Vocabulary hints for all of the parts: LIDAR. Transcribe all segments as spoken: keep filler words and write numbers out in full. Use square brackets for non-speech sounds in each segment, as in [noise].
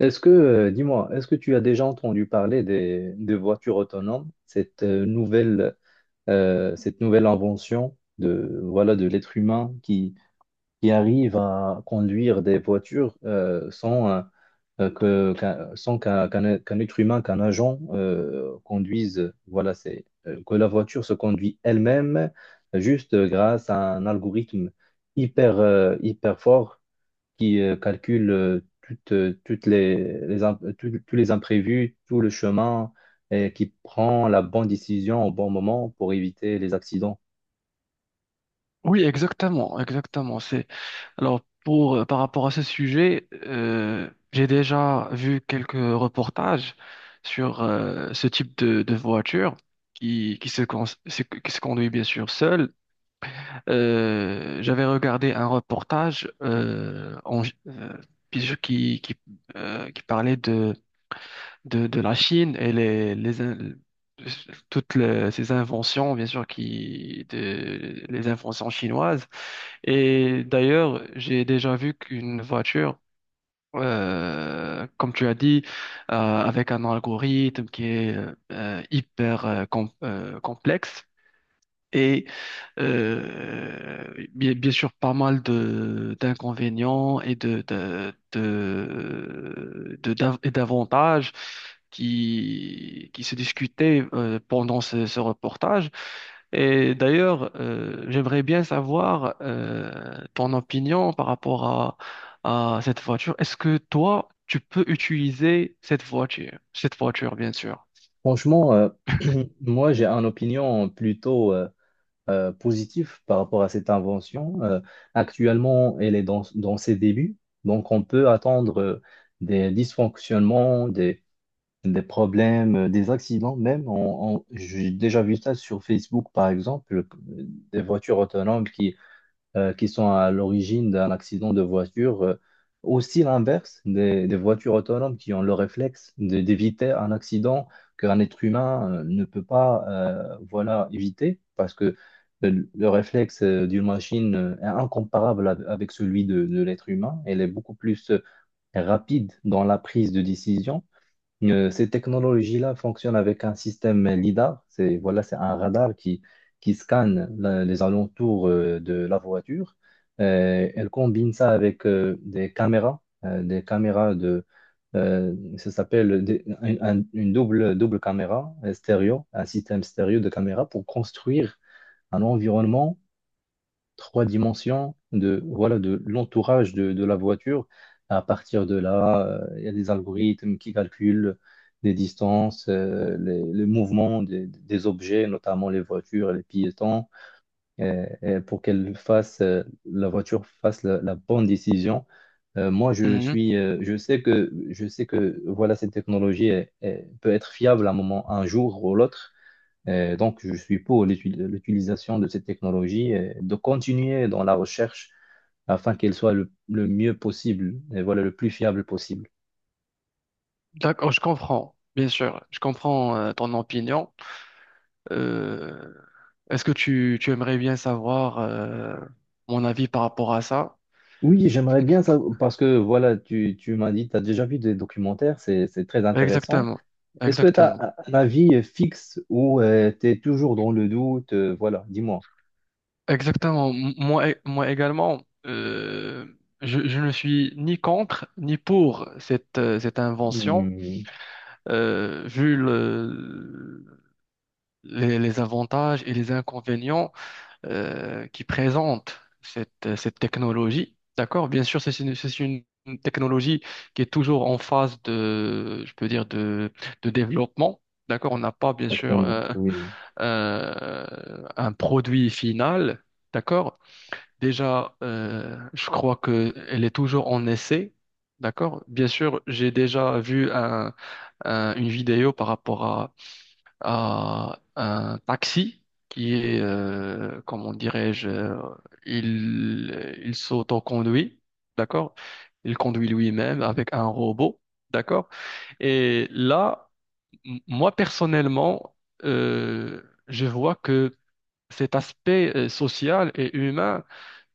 Est-ce que, euh, dis-moi, est-ce que tu as déjà entendu parler des, des voitures autonomes, cette euh, nouvelle, euh, cette nouvelle invention de, voilà, de l'être humain qui, qui arrive à conduire des voitures euh, sans, euh, euh, que, qu'un, sans qu'un, qu'un- qu'un être humain, qu'un agent euh, conduise, voilà, c'est, euh, que la voiture se conduit elle-même euh, juste euh, grâce à un algorithme hyper, euh, hyper fort qui euh, calcule euh, toutes, euh, toutes les, les imp- tous tous les imprévus, tout le chemin, et qui prend la bonne décision au bon moment pour éviter les accidents. Oui, exactement, exactement. C'est alors pour euh, par rapport à ce sujet, euh, j'ai déjà vu quelques reportages sur euh, ce type de, de voiture qui qui se con- se- qui se conduit bien sûr seule. Euh, j'avais regardé un reportage euh, en, euh, qui qui euh, qui parlait de, de la Chine et les, les in- toutes les- ces inventions, bien sûr, qui, de- les inventions chinoises. Et d'ailleurs, j'ai déjà vu qu'une voiture, euh, comme tu as dit, euh, avec un algorithme qui est euh, hyper euh, com- euh, complexe, et euh, bien, bien sûr, pas mal de d'inconvénients et de, de, de, de- d'av- et d'avantages qui, qui se discutaient euh, pendant ce, ce reportage. Et d'ailleurs, euh, j'aimerais bien savoir euh, ton opinion par rapport à cette voiture. Est-ce que toi, tu peux utiliser cette voiture? Cette voiture, bien sûr. Franchement, euh, [clears throat] moi, j'ai une opinion plutôt euh, euh, positive par rapport à cette invention. Euh, actuellement, elle est dans, dans ses débuts, donc on peut attendre euh, des dysfonctionnements, des problèmes, euh, des accidents même. On- on- j'ai déjà vu ça sur Facebook, par exemple, euh, des voitures autonomes qui, euh, qui sont à l'origine d'un accident de voiture. Euh, aussi l'inverse, des, des voitures autonomes qui ont le réflexe de- d'éviter un accident qu'un être humain euh, ne peut pas euh, voilà, éviter parce que le, le réflexe euh, d'une machine euh, est incomparable av- avec celui de, de l'être humain. Elle est beaucoup plus... euh, rapide dans la prise de décision. Euh, ces technologies-là fonctionnent avec un système L I D A R. C'est voilà, c'est un radar qui, qui scanne la- les alentours euh, de la voiture. Euh, elle combine ça avec euh, des caméras, euh, des caméras de, euh, ça s'appelle des- un- un- une double, double caméra euh, stéréo, un système stéréo de caméras pour construire un environnement trois dimensions de voilà de l'entourage de, de la voiture. À partir de là, euh, il y a des algorithmes qui calculent les distances, euh, les, le mouvement des, des objets, notamment les voitures et les piétons, et- et pour qu'elle fasse euh, la voiture fasse la, la bonne décision. Euh, moi, je Mhm. suis, euh, je sais que, je sais que voilà, cette technologie est- est- peut être fiable à un moment, un jour ou l'autre. Euh, donc, je suis pour l'util- l'utilisation de cette technologie et de continuer dans la recherche afin qu'elle soit le, le mieux possible et voilà, le plus fiable possible. D'accord, je comprends, bien sûr. Je comprends euh, ton opinion. Euh, Est-ce que tu, tu aimerais bien savoir euh, mon avis par rapport à ça? Oui, j'aimerais bien ça parce que voilà, tu, tu m'as dit, tu as déjà vu des documentaires, c'est, c'est très intéressant. Exactement, Est-ce que tu exactement, as un avis fixe ou euh, tu es toujours dans le doute? Euh, voilà, dis-moi. exactement. M- Moi, e- moi également, euh, je, je ne suis ni contre ni pour cette, euh, cette invention, Hmm, euh, vu le- les, les avantages et les inconvénients euh, qui présente cette, euh, cette technologie. D'accord? Bien sûr, c'est une, c'est une technologie qui est toujours en phase de, je peux dire, de, de développement. D'accord? On n'a pas, bien sûr, exactement, euh, oui. euh, un produit final. D'accord? Déjà, euh, je crois qu'elle est toujours en essai. D'accord? Bien sûr, j'ai déjà vu un, un- une vidéo par rapport à un taxi qui est, euh, comment dirais-je, euh, il, il s'autoconduit, d'accord? Il conduit lui-même avec un robot, d'accord? Et là, m- moi personnellement, euh, je vois que cet aspect euh, social et humain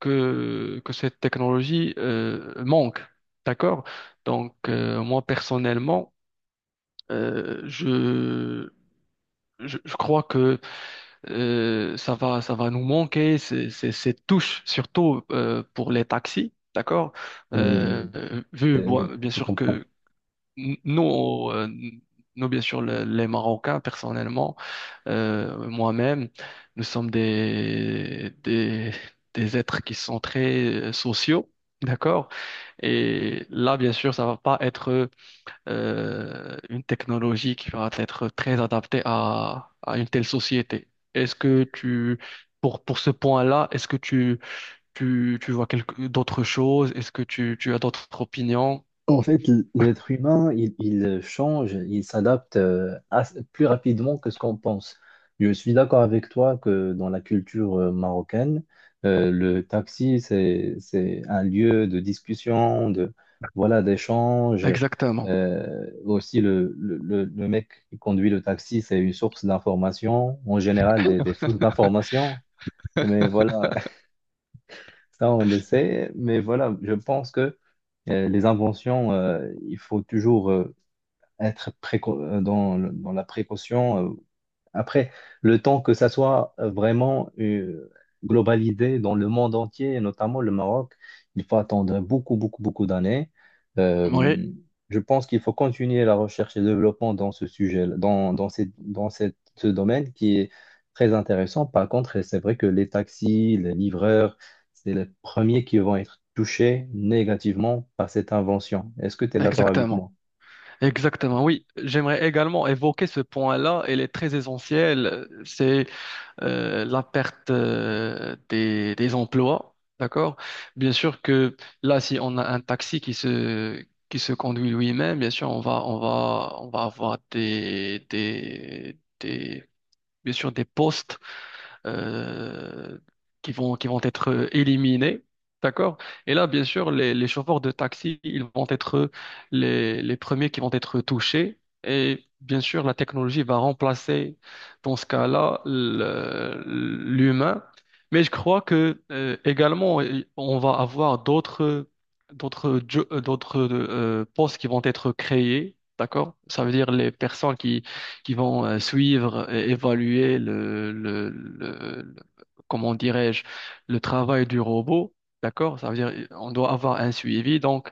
que, que cette technologie euh, manque, d'accord? Donc, euh, moi personnellement, euh, je, je, je crois que Euh, ça va, ça va nous manquer ces, ces, ces touches, surtout euh, pour les taxis, d'accord? Hmm, Euh, vu, euh, oui, bon, bien je sûr comprends. que n- nous, euh, nous, bien sûr, le- les Marocains, personnellement, euh, moi-même, nous sommes des, des, des êtres qui sont très euh, sociaux, d'accord? Et là, bien sûr, ça va pas être euh, une technologie qui va être très adaptée à, à une telle société. Est-ce que tu, pour, pour ce point-là, est-ce que tu, tu, tu vois quelque, d'autres choses? Est-ce que tu, tu as d'autres opinions? En fait, l- l'être humain, il, il euh, change, il s'adapte euh, ass- plus rapidement que ce qu'on pense. Je suis d'accord avec toi que dans la culture euh, marocaine, euh, le taxi, c'est, c'est un lieu de discussion, de, voilà, d'échange. Exactement. Euh, aussi, le, le, le- le mec qui conduit le taxi, c'est une source d'information, en général des, des fausses informations. Mais voilà, [laughs] ça, on le sait. Mais voilà, je pense que euh, les inventions, euh, il faut toujours. euh, être préco- euh, dans, le- dans la précaution. Euh, après, le temps que ça soit euh, vraiment euh, globalisé dans le monde entier, et notamment le Maroc, il faut attendre beaucoup, beaucoup, beaucoup d'années. Euh, Oui, je pense qu'il faut continuer la recherche et le développement dans ce sujet, dans, dans, cette- dans cette- ce domaine qui est très intéressant. Par contre, c'est vrai que les taxis, les livreurs, c'est les premiers qui vont être touchés négativement par cette invention. Est-ce que tu es d'accord avec exactement. moi? Exactement, oui. J'aimerais également évoquer ce point-là. Il est très essentiel. C'est euh, la perte euh, des, des emplois, d'accord? Bien sûr que là, si on a un taxi qui se, qui se conduit lui-même, bien sûr, on va, on va, on va avoir des, des, des, bien sûr, des postes euh, qui vont, qui vont être euh, éliminés. D'accord? Et là, bien sûr, les, les chauffeurs de taxi, ils vont être les, les premiers qui vont être touchés. Et bien sûr, la technologie va remplacer, dans ce cas-là, le- l'humain. Mais je crois que euh, également, on va avoir d'autres d'autres jo- d'autres euh, postes qui vont être créés. D'accord? Ça veut dire les personnes qui vont euh, suivre et évaluer le, le, le- le- comment dirais-je, le travail du robot. D'accord? Ça veut dire euh, on doit avoir un suivi. Donc,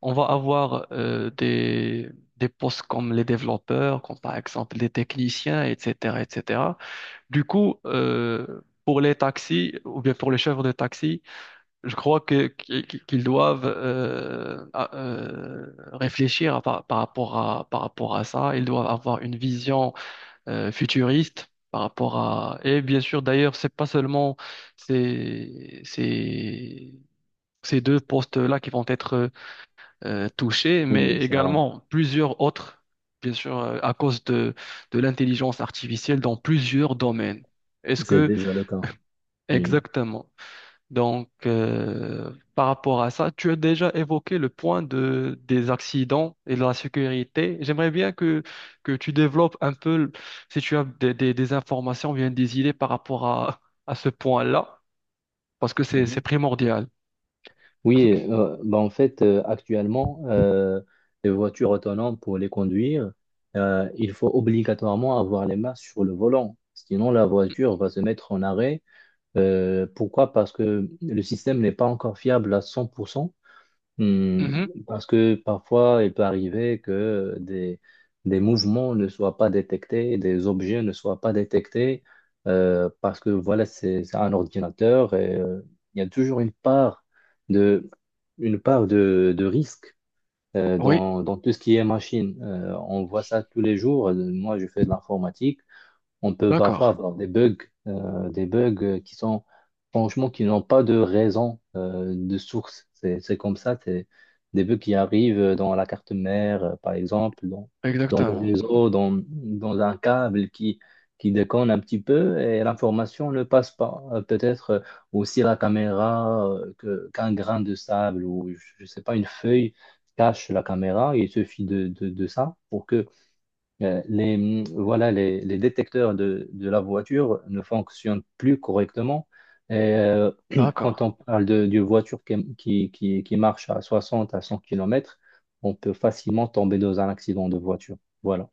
on va avoir euh, des, des postes comme les développeurs, comme par exemple les techniciens, et cetera, et cetera. Du coup, euh, pour les taxis ou bien pour les chauffeurs de taxi, je crois que qu'- qu'ils doivent euh, à- euh, réfléchir à par, par rapport à, par rapport à ça. Ils doivent avoir une vision euh, futuriste par rapport à... Et bien sûr, d'ailleurs, c'est pas seulement ces, ces, ces deux postes-là qui vont être euh, touchés, mais Oui, c'est vrai. également plusieurs autres, bien sûr, euh, à cause de, de l'intelligence artificielle dans plusieurs domaines. Est-ce C'est que... déjà le cas, oui. Exactement. Donc, euh, par rapport à ça, tu as déjà évoqué le point de, des accidents et de la sécurité. J'aimerais bien que, que tu développes un peu, le- si tu as des, des, des informations, bien des idées par rapport à, à ce point-là, parce que c'est, c'est Mhm. primordial. Oui, euh, bah en fait, euh, actuellement, euh, les voitures autonomes, pour les conduire, euh, il faut obligatoirement avoir les mains sur le volant. Sinon, la voiture va se mettre en arrêt. Euh, pourquoi? Parce que le système n'est pas encore fiable à cent pour cent. Hmm, Mhm. parce que parfois, il peut arriver que des, des mouvements ne soient pas détectés, des objets ne soient pas détectés, euh, parce que voilà, c'est c'est un ordinateur et euh, il y a toujours une part de, une part de, de risque euh, Oui, dans, dans tout ce qui est machine. Euh, on voit ça tous les jours. Moi, je fais de l'informatique, on peut parfois d'accord, avoir des bugs, euh, des bugs euh, qui sont franchement qui n'ont pas de raison euh, de source. C'est, c'est comme ça, c'est des bugs qui arrivent dans la carte mère, euh, par exemple, dans, dans le exactement. réseau, dans, dans un câble qui, qui déconne un petit peu et l'information ne passe pas. Euh, Peut-être euh, aussi la caméra, euh, que, qu'un grain de sable ou je ne sais pas, une feuille cache la caméra. Il suffit de, de, de ça pour que euh, les, mm, voilà, les, les détecteurs de, de la voiture ne fonctionnent plus correctement. Et, euh, [clears throat] D'accord, quand on parle de- d'une voiture qui, qui, qui- qui marche à soixante à cent kilomètres, on peut facilement tomber dans un accident de voiture. Voilà.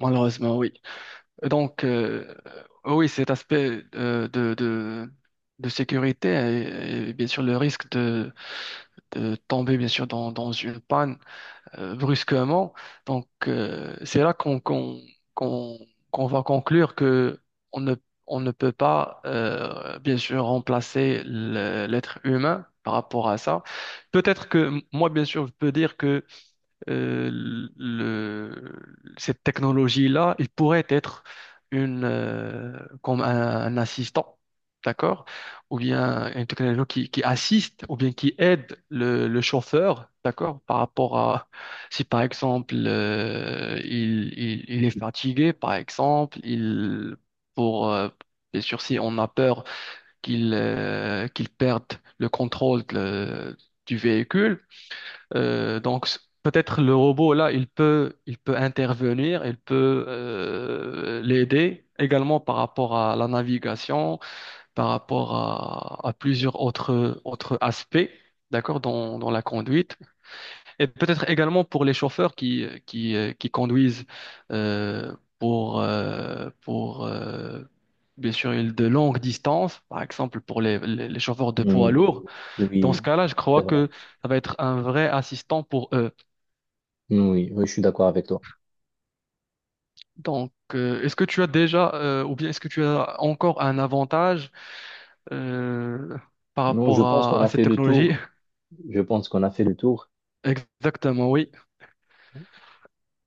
malheureusement, oui. Donc, euh, oui, cet aspect euh, de, de, de sécurité et, et bien sûr le risque de, de tomber, bien sûr, dans, dans une panne euh, brusquement. Donc, euh, c'est là qu'on qu'on, qu'on, qu'on va conclure que on ne, on ne peut pas, euh, bien sûr, remplacer le- l'être humain par rapport à ça. Peut-être que moi, bien sûr, je peux dire que euh, le- cette technologie-là, il pourrait être une, euh, comme un, un assistant, d'accord? Ou bien une technologie qui, qui assiste, ou bien qui aide le, le chauffeur, d'accord? Par rapport à si par exemple euh, il, il, il est fatigué, par exemple, il pour euh, bien sûr, si on a peur qu'il euh, qu'il perde le contrôle de- du véhicule, euh, donc s- peut-être le robot là, il peut, il peut intervenir, il peut euh, l'aider également par rapport à la navigation, par rapport à, à plusieurs autres, autres aspects, d'accord, dans, dans la conduite. Et peut-être également pour les chauffeurs qui, qui, euh, qui conduisent euh, pour, euh, pour euh, bien sûr une- de longues distances, par exemple pour les, les les chauffeurs de poids Mm. lourds. Dans ce Oui, cas-là, je c'est crois vrai. que ça va être un vrai assistant pour eux. Oui, oui, je suis d'accord avec toi. Donc, euh, est-ce que tu as déjà, euh, ou bien est-ce que tu as encore un avantage euh, par Non, je rapport pense qu'on à, à a cette fait le technologie? tour. Je pense qu'on a fait le tour. [laughs] Exactement, oui.